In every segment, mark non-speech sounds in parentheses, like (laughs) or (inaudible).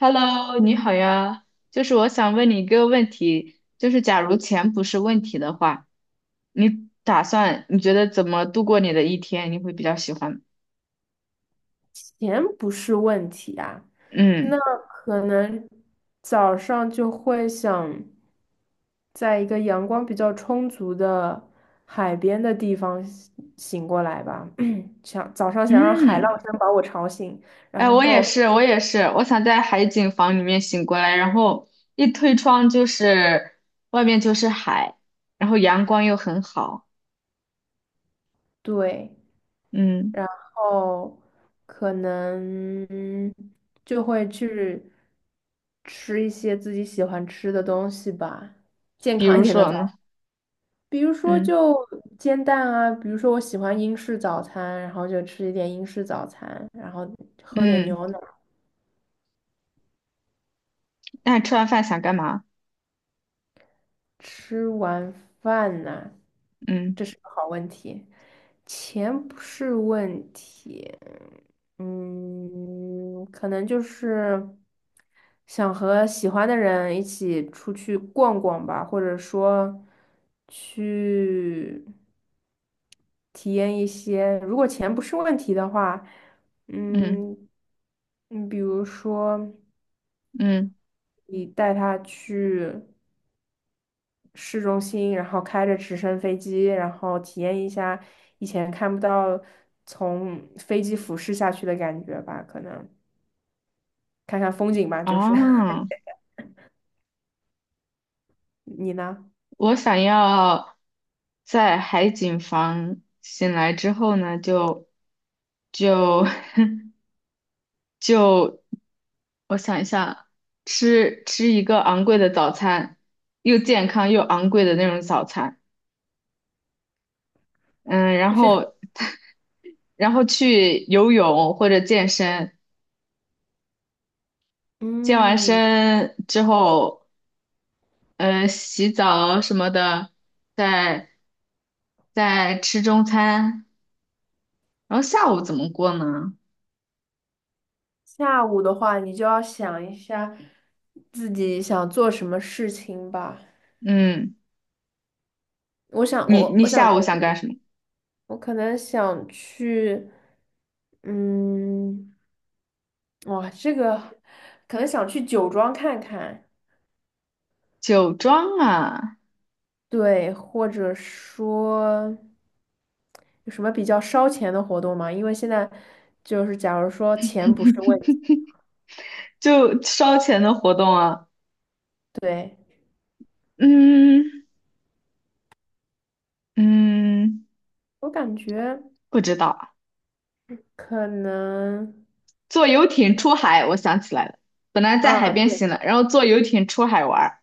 Hello，你好呀，就是我想问你一个问题，就是假如钱不是问题的话，你打算你觉得怎么度过你的一天？你会比较喜欢？钱不是问题啊，嗯那可能早上就会想在一个阳光比较充足的海边的地方醒过来吧，(clears throat) 想早上想让海嗯。浪声把我吵醒，哎，然我也后是，我也是，我想在海景房里面醒过来，然后一推窗就是外面就是海，然后阳光又很好。对，嗯，然后可能就会去吃一些自己喜欢吃的东西吧，健比康一如点的说早。呢？比如说嗯就煎蛋啊，比如说我喜欢英式早餐，然后就吃一点英式早餐，然后喝点嗯。牛奶。那吃完饭想干嘛？吃完饭呢，嗯这是个好问题，钱不是问题，嗯，可能就是想和喜欢的人一起出去逛逛吧，或者说去。体验一些，如果钱不是问题的话，嗯嗯，比如说嗯。你带他去市中心，然后开着直升飞机，然后体验一下以前看不到从飞机俯视下去的感觉吧，可能看看风景吧，就是 (laughs) 哦。你呢？我想要在海景房醒来之后呢，就 (laughs) 就，我想一下，吃一个昂贵的早餐，又健康又昂贵的那种早餐。嗯，然就是 (laughs) 后 (laughs) 然后去游泳或者健身。健完嗯，身之后，嗯，洗澡什么的，再再吃中餐。然后下午怎么过呢？下午的话，你就要想一下自己想做什么事情吧。嗯，我想，你我你我想下午想干什么？我可能想去，嗯，哇，这个可能想去酒庄看看，酒庄啊。对，或者说有什么比较烧钱的活动吗？因为现在就是假如说钱不是问题，就烧钱的活动啊。对，嗯嗯。我感觉不知道啊。可能坐游艇出海，我想起来了，本来在海啊，边对行了，然后坐游艇出海玩儿。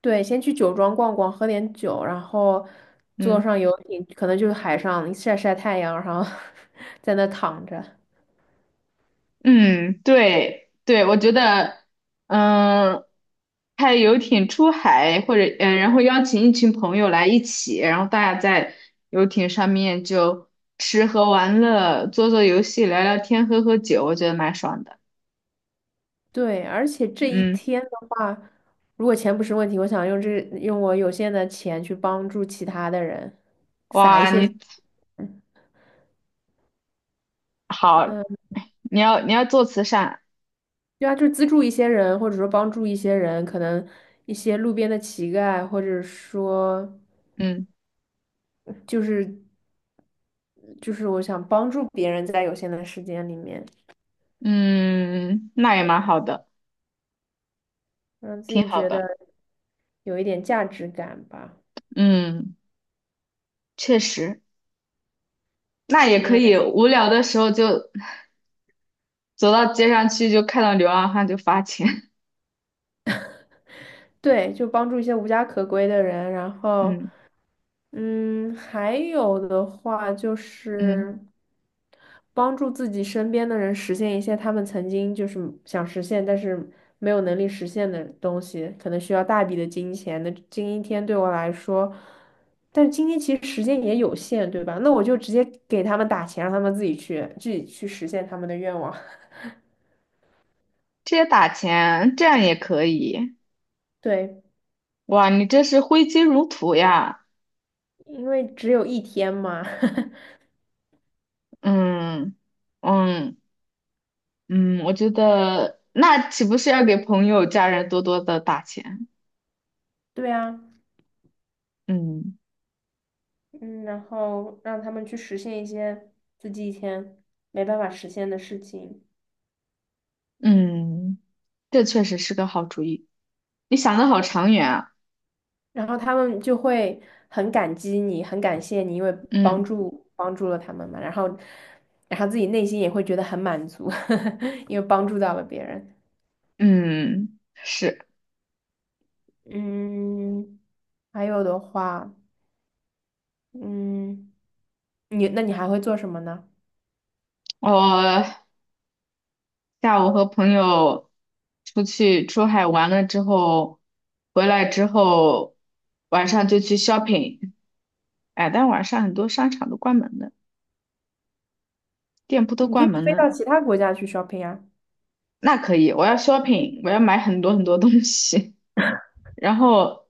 对，先去酒庄逛逛，喝点酒，然后坐嗯。上游艇，可能就是海上晒晒太阳，然后 (laughs) 在那躺着。嗯，对对，我觉得，嗯，开游艇出海，或者然后邀请一群朋友来一起，然后大家在游艇上面就吃喝玩乐，做做游戏，聊聊天，喝喝酒，我觉得蛮爽的。对，而且这一嗯。天的话，如果钱不是问题，我想用这用我有限的钱去帮助其他的人，撒一哇，些钱，你嗯，好，呃你要做慈善。对啊，就资助一些人，或者说帮助一些人，可能一些路边的乞丐，或者说嗯就是就是我想帮助别人，在有限的时间里面，嗯，那也蛮好的。让自挺己好觉的。得有一点价值感吧，嗯，确实。那也因可以，为无聊的时候就。走到街上去就看到流浪汉就罚钱。对，就帮助一些无家可归的人，然 (laughs) 后。嗯嗯，还有的话就嗯。是帮助自己身边的人实现一些他们曾经就是想实现，但是没有能力实现的东西，可能需要大笔的金钱。那今天对我来说，但是今天其实时间也有限，对吧？那我就直接给他们打钱，让他们自己去实现他们的愿望。这也打钱，这样也可以。(laughs) 对，哇，你这是挥金如土呀。因为只有一天嘛。嗯嗯嗯。我觉得那岂不是要给朋友、家人多多的打钱？(laughs) 对啊。嗯嗯，然后让他们去实现一些自己以前没办法实现的事情，嗯。这确实是个好主意。你想的好长远啊。然后他们就会很感激你，很感谢你，因为帮嗯助帮助了他们嘛，然后自己内心也会觉得很满足，(laughs) 因为帮助到了别人。嗯。是。嗯，还有的话，嗯，你还会做什么呢？我下午和朋友出去出海玩了之后，回来之后晚上就去 shopping。哎，但晚上很多商场都关门了，店铺都你可关以门飞了。到其他国家去 shopping 啊。那可以，我要 shopping，我要买很多很多东西。(laughs) 然后，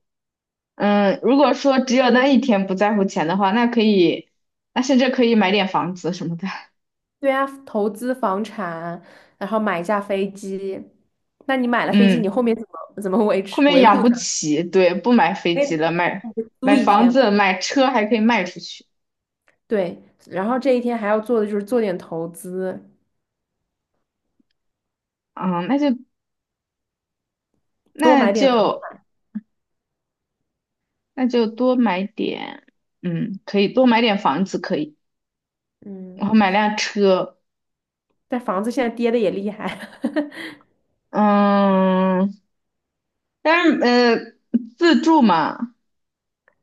嗯，如果说只有那一天不在乎钱的话，那可以，那甚至可以买点房子什么的。对啊，投资房产，然后买一架飞机。那你买了飞机，你嗯，后面怎么维后持面维养护不它？起，对，不买飞那机你了，买就租买一房天嘛。子，买车还可以卖出去。对，然后这一天还要做的就是做点投资，嗯，多那买点房。就那就多买点。嗯，可以多买点房子，可以。嗯，然后买辆车。但房子现在跌的也厉害。(laughs) 嗯，但是，自住嘛，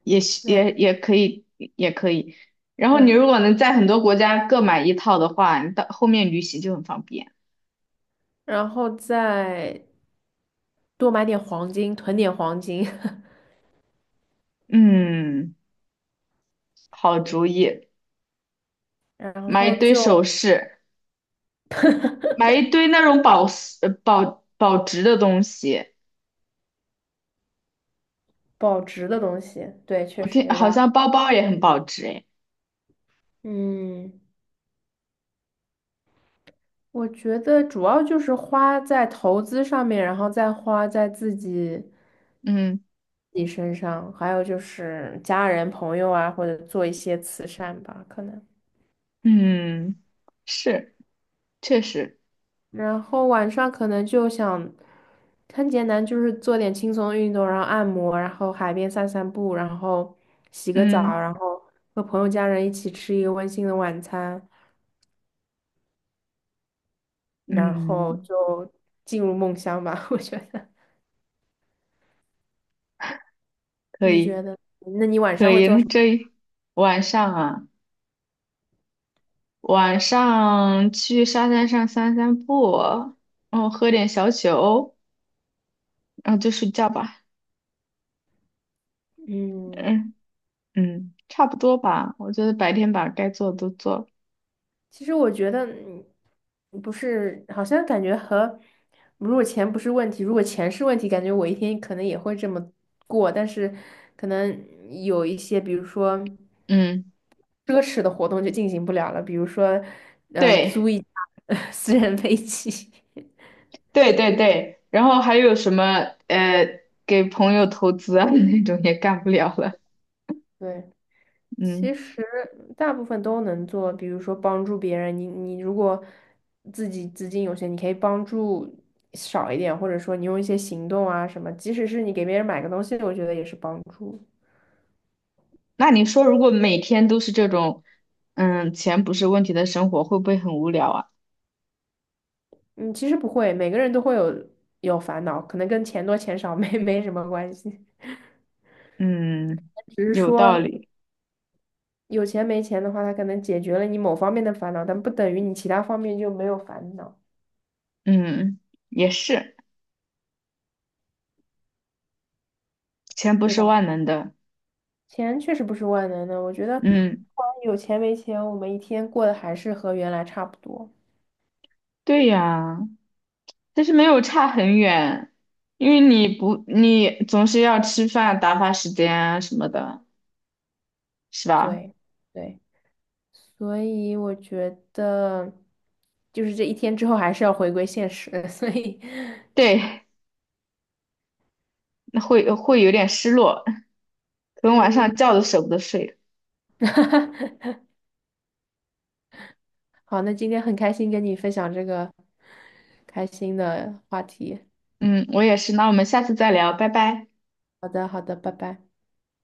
也是对，也可以，也可以。然后是你啊，如果能在很多国家各买一套的话，你到后面旅行就很方便。然后再多买点黄金，囤点黄金，嗯，好主意。(laughs) 然买一后堆就首饰，买一堆那种保值的东西。保值的东西。对，确我实听有好道理。像包包也很保值诶。嗯。我觉得主要就是花在投资上面，然后再花在自己嗯。自己身上，还有就是家人朋友啊，或者做一些慈善吧，可能。嗯，是，确实。然后晚上可能就想，很简单，就是做点轻松的运动，然后按摩，然后海边散散步，然后洗个澡，嗯然后和朋友家人一起吃一个温馨的晚餐，然后嗯，就进入梦乡吧，(laughs) 我觉得。可你觉以得？那你晚可上会以。做那什么？这一晚上啊，晚上去沙滩上散散步，然后喝点小酒，然后就睡觉吧。嗯。嗯嗯，差不多吧。我觉得白天把该做的都做了。其实我觉得不是，好像感觉和如果钱不是问题，如果钱是问题，感觉我一天可能也会这么过，但是可能有一些，比如说嗯，奢侈的活动就进行不了了，比如说对租一架 (laughs) 私人飞机，对对对。然后还有什么呃，给朋友投资啊 (laughs) 那种也干不了了。(laughs) 对。嗯。其实大部分都能做，比如说帮助别人，你如果自己资金有限，你可以帮助少一点，或者说你用一些行动啊什么，即使是你给别人买个东西，我觉得也是帮助。那你说，如果每天都是这种，嗯，钱不是问题的生活，会不会很无聊啊？嗯，其实不会，每个人都会有烦恼，可能跟钱多钱少 (laughs) 没什么关系，嗯，只是有道说理。有钱没钱的话，它可能解决了你某方面的烦恼，但不等于你其他方面就没有烦恼，嗯，也是，钱不对是吧？万能的。钱确实不是万能的，我觉得不嗯，管有钱没钱，我们一天过得还是和原来差不多。对呀，但是没有差很远，因为你不，你总是要吃饭、打发时间啊什么的，是吧？对，对，所以我觉得，就是这一天之后还是要回归现实。(laughs) 所以，对，那会有点失落，可能晚上嗯，觉都舍不得睡。(laughs) 好，那今天很开心跟你分享这个开心的话题。嗯，我也是。那我们下次再聊，拜拜。好的，好的，拜拜。